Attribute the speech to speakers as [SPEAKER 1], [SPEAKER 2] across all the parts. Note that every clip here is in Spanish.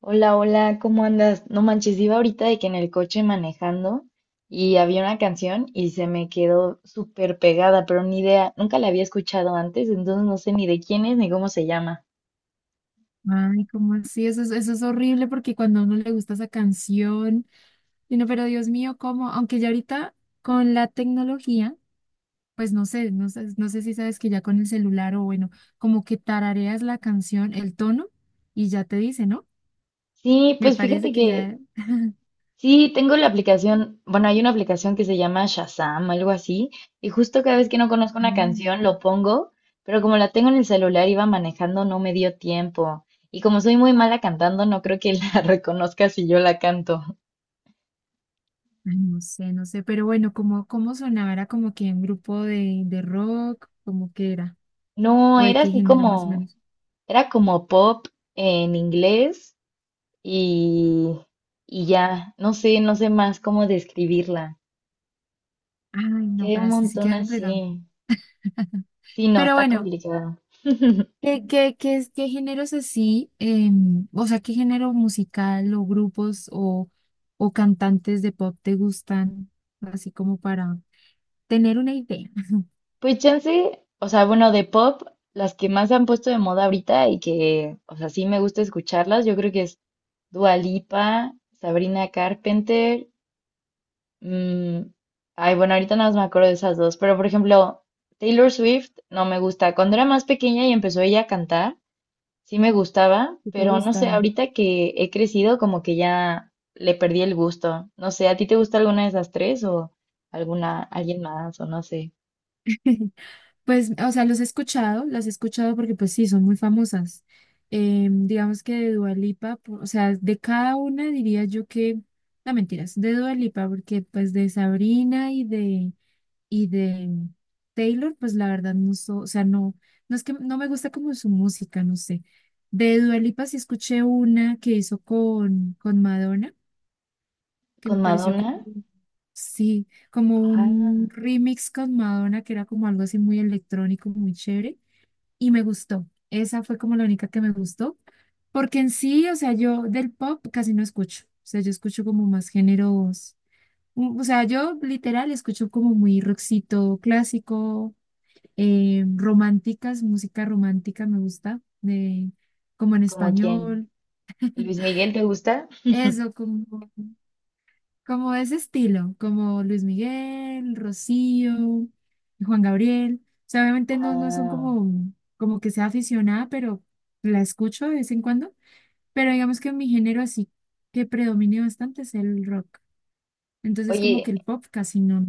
[SPEAKER 1] Hola, hola, ¿cómo andas? No manches, iba ahorita de que en el coche manejando y había una canción y se me quedó súper pegada, pero ni idea, nunca la había escuchado antes, entonces no sé ni de quién es ni cómo se llama.
[SPEAKER 2] Ay, ¿cómo así? Eso es horrible porque cuando a uno le gusta esa canción, y uno, pero Dios mío, ¿cómo? Aunque ya ahorita con la tecnología, pues no sé si sabes que ya con el celular o bueno, como que tarareas la canción, el tono, y ya te dice, ¿no?
[SPEAKER 1] Sí,
[SPEAKER 2] Me
[SPEAKER 1] pues fíjate
[SPEAKER 2] parece que
[SPEAKER 1] que
[SPEAKER 2] ya,
[SPEAKER 1] sí, tengo la aplicación, bueno, hay una aplicación que se llama Shazam, algo así, y justo cada vez que no conozco una
[SPEAKER 2] ah,
[SPEAKER 1] canción lo pongo, pero como la tengo en el celular, iba manejando, no me dio tiempo. Y como soy muy mala cantando, no creo que la reconozca si yo la canto.
[SPEAKER 2] ay, no sé, pero bueno, ¿cómo sonaba? ¿Era como que un grupo de rock? ¿Cómo que era?
[SPEAKER 1] No,
[SPEAKER 2] ¿O de
[SPEAKER 1] era
[SPEAKER 2] qué
[SPEAKER 1] así
[SPEAKER 2] género más o
[SPEAKER 1] como,
[SPEAKER 2] menos?
[SPEAKER 1] era como pop en inglés y, y ya, no sé, no sé más cómo describirla.
[SPEAKER 2] Ay, no,
[SPEAKER 1] Qué
[SPEAKER 2] pero
[SPEAKER 1] un
[SPEAKER 2] así sí
[SPEAKER 1] montón
[SPEAKER 2] queda complicado.
[SPEAKER 1] así. Sí, no,
[SPEAKER 2] Pero
[SPEAKER 1] está
[SPEAKER 2] bueno.
[SPEAKER 1] complicado.
[SPEAKER 2] ¿Qué géneros así, o sea, qué género musical o grupos o cantantes de pop te gustan, así como para tener una idea?
[SPEAKER 1] Pues chance, o sea, bueno, de pop, las que más se han puesto de moda ahorita y que, o sea, sí me gusta escucharlas, yo creo que es Dua Lipa, Sabrina Carpenter. Mm, ay, bueno, ahorita nada más me acuerdo de esas dos, pero por ejemplo, Taylor Swift no me gusta. Cuando era más pequeña y empezó ella a cantar, sí me gustaba,
[SPEAKER 2] ¿Qué te
[SPEAKER 1] pero no sé,
[SPEAKER 2] gusta?
[SPEAKER 1] ahorita que he crecido como que ya le perdí el gusto. No sé, ¿a ti te gusta alguna de esas tres o alguna, alguien más o no sé?
[SPEAKER 2] Pues, o sea, los he escuchado, las he escuchado porque pues sí, son muy famosas. Digamos que de Dua Lipa, o sea, de cada una diría yo que, no mentiras, de Dua Lipa, porque pues de Sabrina y de Taylor, pues la verdad o sea, no, no es que no me gusta como su música, no sé. De Dua Lipa sí escuché una que hizo con Madonna, que
[SPEAKER 1] ¿Con
[SPEAKER 2] me pareció
[SPEAKER 1] Madonna?
[SPEAKER 2] como, sí, como
[SPEAKER 1] Ah,
[SPEAKER 2] un remix con Madonna, que era como algo así muy electrónico, muy chévere, y me gustó. Esa fue como la única que me gustó, porque en sí, o sea, yo del pop casi no escucho, o sea, yo escucho como más géneros. O sea, yo literal escucho como muy rockcito clásico, románticas, música romántica me gusta, de, como en
[SPEAKER 1] ¿como quién?
[SPEAKER 2] español,
[SPEAKER 1] ¿Luis Miguel te gusta?
[SPEAKER 2] eso, como, como ese estilo, como Luis Miguel, Rocío, Juan Gabriel. O sea, obviamente no, no son
[SPEAKER 1] Ah,
[SPEAKER 2] como, como que sea aficionada, pero la escucho de vez en cuando. Pero digamos que mi género así que predomine bastante es el rock. Entonces como que
[SPEAKER 1] oye.
[SPEAKER 2] el pop casi no.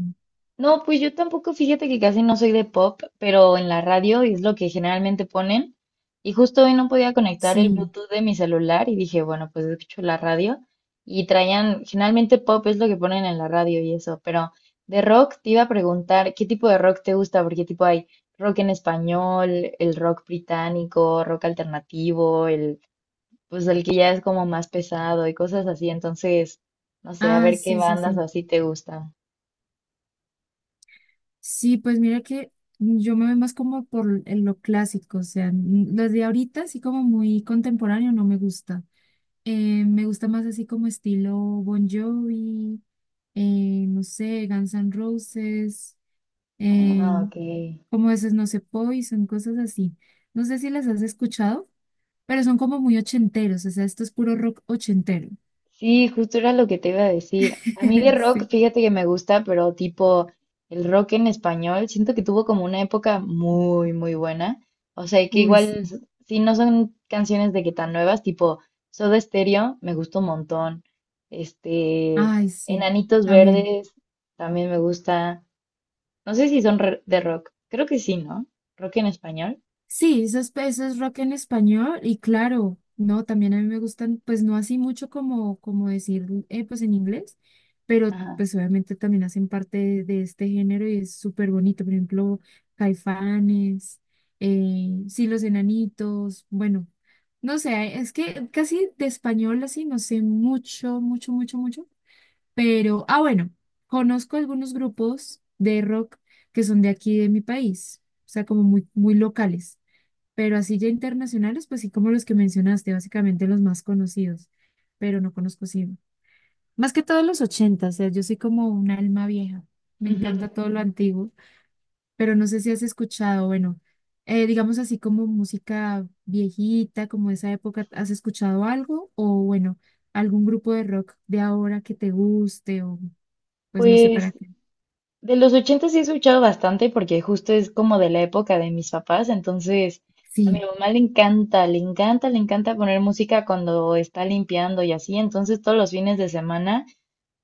[SPEAKER 1] No, pues yo tampoco, fíjate que casi no soy de pop, pero en la radio es lo que generalmente ponen. Y justo hoy no podía conectar el
[SPEAKER 2] Sí.
[SPEAKER 1] Bluetooth de mi celular y dije, bueno, pues escucho la radio. Y traían, generalmente pop es lo que ponen en la radio y eso, pero de rock te iba a preguntar, ¿qué tipo de rock te gusta? Porque tipo hay rock en español, el rock británico, rock alternativo, el, pues el que ya es como más pesado y cosas así. Entonces, no sé, a
[SPEAKER 2] Ah,
[SPEAKER 1] ver qué
[SPEAKER 2] sí, sí,
[SPEAKER 1] bandas
[SPEAKER 2] sí.
[SPEAKER 1] así te gustan.
[SPEAKER 2] Sí, pues mira que yo me voy más como por en lo clásico, o sea, los de ahorita así como muy contemporáneo no me gusta. Me gusta más así como estilo Bon Jovi, no sé, Guns N' Roses, eh,
[SPEAKER 1] Ah, ok.
[SPEAKER 2] como esos, no sé, Poison, cosas así. No sé si las has escuchado, pero son como muy ochenteros, o sea, esto es puro rock ochentero.
[SPEAKER 1] Sí, justo era lo que te iba a decir. A mí de rock,
[SPEAKER 2] Sí.
[SPEAKER 1] fíjate que me gusta, pero tipo el rock en español, siento que tuvo como una época muy, muy buena. O sea, que
[SPEAKER 2] Uy, sí.
[SPEAKER 1] igual, si no son canciones de que tan nuevas, tipo Soda Stereo, me gusta un montón. Este,
[SPEAKER 2] Ay, sí,
[SPEAKER 1] Enanitos
[SPEAKER 2] también.
[SPEAKER 1] Verdes, también me gusta. No sé si son de rock. Creo que sí, ¿no? Rock en español.
[SPEAKER 2] Sí, eso es rock en español y claro, no, también a mí me gustan, pues no así mucho como, como decir, pues en inglés, pero
[SPEAKER 1] Ajá.
[SPEAKER 2] pues obviamente también hacen parte de este género y es súper bonito, por ejemplo, Caifanes, sí, Los Enanitos, bueno, no sé, es que casi de español así no sé mucho, pero, ah, bueno, conozco algunos grupos de rock que son de aquí de mi país, o sea, como muy locales. Pero así ya internacionales, pues sí, como los que mencionaste, básicamente los más conocidos, pero no conozco sí. Más que todos los 80, o sea, yo soy como un alma vieja, me encanta todo lo antiguo, pero no sé si has escuchado, bueno, digamos así como música viejita, como esa época, ¿has escuchado algo? O bueno, algún grupo de rock de ahora que te guste, o pues no sé para
[SPEAKER 1] Pues
[SPEAKER 2] qué.
[SPEAKER 1] de los 80 sí he escuchado bastante porque justo es como de la época de mis papás, entonces a mi
[SPEAKER 2] Sí,
[SPEAKER 1] mamá le encanta, le encanta, le encanta poner música cuando está limpiando y así, entonces todos los fines de semana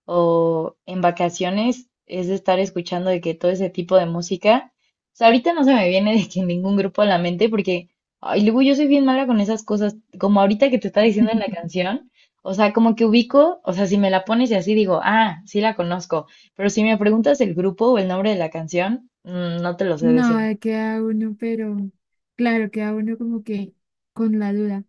[SPEAKER 1] o en vacaciones es de estar escuchando de que todo ese tipo de música. O sea, ahorita no se me viene de que ningún grupo a la mente porque, ay, luego yo soy bien mala con esas cosas, como ahorita que te está diciendo en la canción. O sea, como que ubico, o sea, si me la pones y así digo, ah, sí la conozco, pero si me preguntas el grupo o el nombre de la canción, no te lo sé decir.
[SPEAKER 2] no, queda uno, pero claro, queda uno como que con la duda.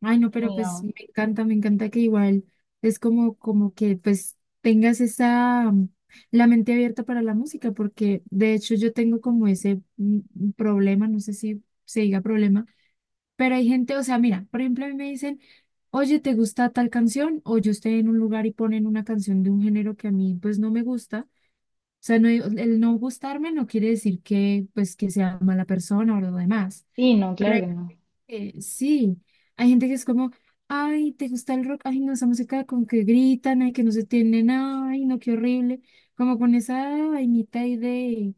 [SPEAKER 2] Ay, no, pero
[SPEAKER 1] Sí,
[SPEAKER 2] pues
[SPEAKER 1] no,
[SPEAKER 2] me encanta que igual es como, como que pues tengas esa, la mente abierta para la música, porque de hecho yo tengo como ese problema, no sé si se diga problema, pero hay gente, o sea, mira, por ejemplo, a mí me dicen, oye, ¿te gusta tal canción? O yo estoy en un lugar y ponen una canción de un género que a mí pues no me gusta. O sea, no, el no gustarme no quiere decir que, pues, que sea mala persona o lo demás.
[SPEAKER 1] sí, no,
[SPEAKER 2] Pero
[SPEAKER 1] claro
[SPEAKER 2] hay
[SPEAKER 1] que no.
[SPEAKER 2] gente que sí, hay gente que es como, ay, ¿te gusta el rock? Ay, no, esa música con que gritan, ay, que no se tienen, ay, no, qué horrible. Como con esa vainita ahí de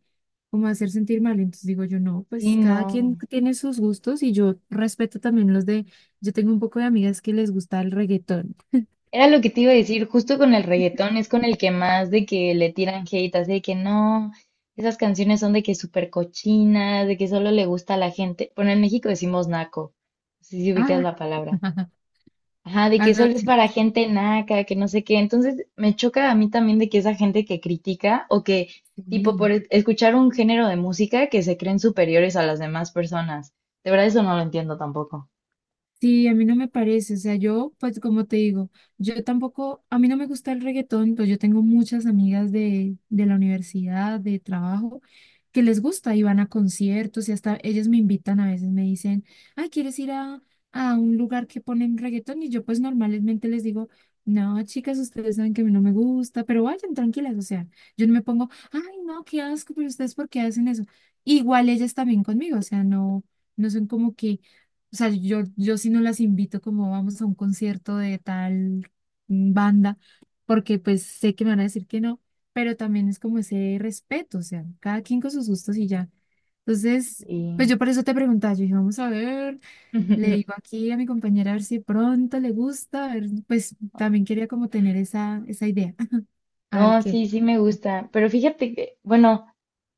[SPEAKER 2] como hacer sentir mal. Entonces digo yo, no,
[SPEAKER 1] Sí,
[SPEAKER 2] pues cada quien
[SPEAKER 1] no.
[SPEAKER 2] tiene sus gustos y yo respeto también los de, yo tengo un poco de amigas que les gusta el reggaetón.
[SPEAKER 1] Era lo que te iba a decir, justo con el reggaetón es con el que más de que le tiran hate, así de que no, esas canciones son de que súper cochinas, de que solo le gusta a la gente. Bueno, en México decimos naco, no sé si
[SPEAKER 2] Ah,
[SPEAKER 1] ubicas la palabra. Ajá, de
[SPEAKER 2] ah,
[SPEAKER 1] que
[SPEAKER 2] no,
[SPEAKER 1] solo es
[SPEAKER 2] aquí no.
[SPEAKER 1] para gente naca, que no sé qué. Entonces me choca a mí también de que esa gente que critica o que, tipo,
[SPEAKER 2] Sí.
[SPEAKER 1] escuchar un género de música que se creen superiores a las demás personas. De verdad eso no lo entiendo tampoco.
[SPEAKER 2] Sí, a mí no me parece, o sea, yo, pues como te digo, yo tampoco, a mí no me gusta el reggaetón, pues yo tengo muchas amigas de la universidad, de trabajo, que les gusta y van a conciertos y hasta ellas me invitan a veces, me dicen, ay, ¿quieres ir a un lugar que ponen reggaetón? Y yo pues normalmente les digo, no, chicas, ustedes saben que a mí no me gusta, pero vayan tranquilas, o sea, yo no me pongo, ay, no, qué asco, pero ustedes ¿por qué hacen eso? Igual ellas también conmigo, o sea, no, no son como que o sea, yo sí no las invito como vamos a un concierto de tal banda, porque pues sé que me van a decir que no, pero también es como ese respeto, o sea, cada quien con sus gustos y ya. Entonces, pues
[SPEAKER 1] Y...
[SPEAKER 2] yo por eso te preguntaba, yo dije, vamos a ver, le digo aquí a mi compañera a ver si pronto le gusta, a ver, pues también quería como tener esa, esa idea, a ver
[SPEAKER 1] No,
[SPEAKER 2] qué.
[SPEAKER 1] sí, sí me gusta, pero fíjate que, bueno.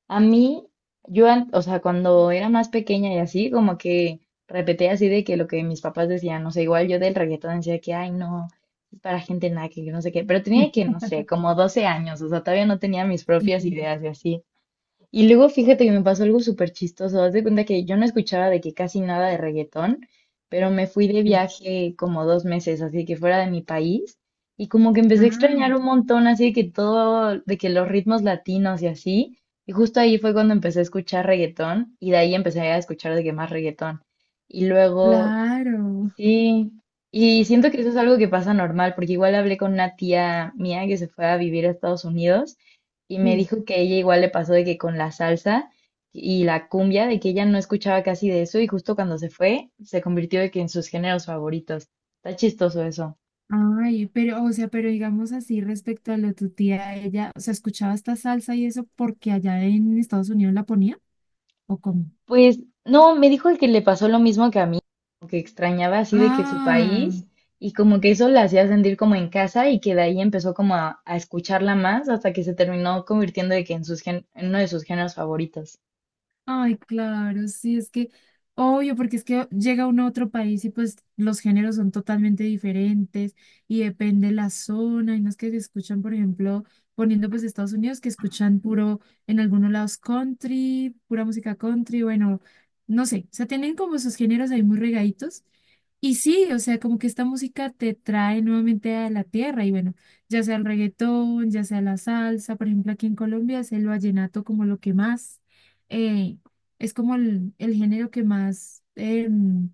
[SPEAKER 1] A mí, o sea, cuando era más pequeña y así, como que repetía así de que lo que mis papás decían, no sé, igual yo del reggaetón decía que, ay, no, es para gente naca, que no sé qué, pero tenía que, no sé, como 12 años, o sea, todavía no tenía mis propias
[SPEAKER 2] Sí,
[SPEAKER 1] ideas y así. Y luego fíjate que me pasó algo súper chistoso. Haz de cuenta que yo no escuchaba de que casi nada de reggaetón, pero me fui de
[SPEAKER 2] sí.
[SPEAKER 1] viaje como 2 meses, así que fuera de mi país. Y como que empecé a extrañar
[SPEAKER 2] Ah,
[SPEAKER 1] un montón, así de que todo, de que los ritmos latinos y así. Y justo ahí fue cuando empecé a escuchar reggaetón y de ahí empecé a escuchar de que más reggaetón. Y luego
[SPEAKER 2] claro,
[SPEAKER 1] sí, y siento que eso es algo que pasa normal, porque igual hablé con una tía mía que se fue a vivir a Estados Unidos y me
[SPEAKER 2] sí.
[SPEAKER 1] dijo que a ella igual le pasó de que con la salsa y la cumbia, de que ella no escuchaba casi de eso y justo cuando se fue se convirtió de que en sus géneros favoritos. Está chistoso eso.
[SPEAKER 2] Ay, pero, o sea, pero digamos así respecto a lo de tu tía, ella, o sea, escuchaba esta salsa y eso porque allá en Estados Unidos la ponía, ¿o cómo?
[SPEAKER 1] Pues no, me dijo que le pasó lo mismo que a mí, como que extrañaba así de que su
[SPEAKER 2] Ah,
[SPEAKER 1] país y como que eso la hacía sentir como en casa y que de ahí empezó como a escucharla más hasta que se terminó convirtiendo de que en, en uno de sus géneros favoritos.
[SPEAKER 2] ay, claro, sí, es que, obvio, porque es que llega uno a otro país y pues los géneros son totalmente diferentes y depende la zona, y no es que se escuchan, por ejemplo, poniendo pues Estados Unidos, que escuchan puro, en algunos lados country, pura música country, bueno, no sé, o sea, tienen como sus géneros ahí muy regaditos. Y sí, o sea, como que esta música te trae nuevamente a la tierra y bueno, ya sea el reggaetón, ya sea la salsa, por ejemplo, aquí en Colombia es el vallenato como lo que más. eh, es como el género que más,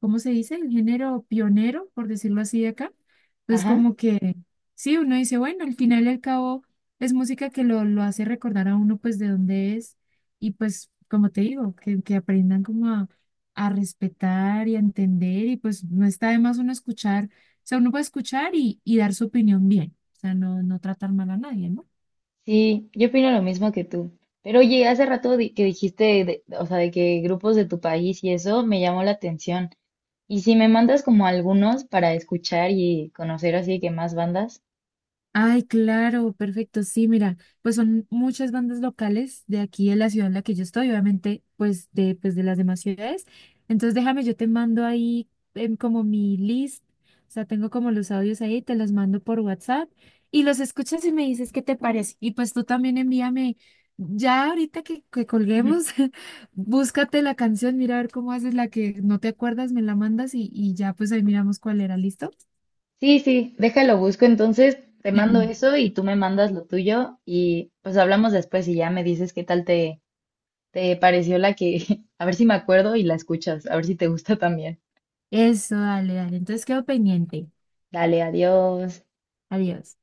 [SPEAKER 2] ¿cómo se dice? El género pionero, por decirlo así de acá. Entonces,
[SPEAKER 1] Ajá,
[SPEAKER 2] como que, sí, uno dice, bueno, al final y al cabo es música que lo hace recordar a uno pues de dónde es y pues, como te digo, que aprendan como a respetar y a entender y pues no está de más uno escuchar, o sea, uno puede escuchar y dar su opinión bien, o sea, no, no tratar mal a nadie, ¿no?
[SPEAKER 1] sí, yo opino lo mismo que tú. Pero oye, hace rato que dijiste, de- o sea, de que grupos de tu país y eso me llamó la atención. ¿Y si me mandas como algunos para escuchar y conocer así que más bandas?
[SPEAKER 2] Ay, claro, perfecto. Sí, mira, pues son muchas bandas locales de aquí de la ciudad en la que yo estoy, obviamente, pues de las demás ciudades. Entonces, déjame, yo te mando ahí como mi list, o sea, tengo como los audios ahí, te los mando por WhatsApp y los escuchas y me dices qué te parece. Y pues tú también envíame, ya ahorita que colguemos, búscate la canción, mira a ver cómo haces la que no te acuerdas, me la mandas y ya pues ahí miramos cuál era, ¿listo?
[SPEAKER 1] Sí, sí, déjalo, busco entonces, te mando eso y tú me mandas lo tuyo y pues hablamos después y ya me dices qué tal te, te pareció la que, a ver si me acuerdo y la escuchas, a ver si te gusta también.
[SPEAKER 2] Eso, dale, dale. Entonces quedo pendiente.
[SPEAKER 1] Dale, adiós.
[SPEAKER 2] Adiós.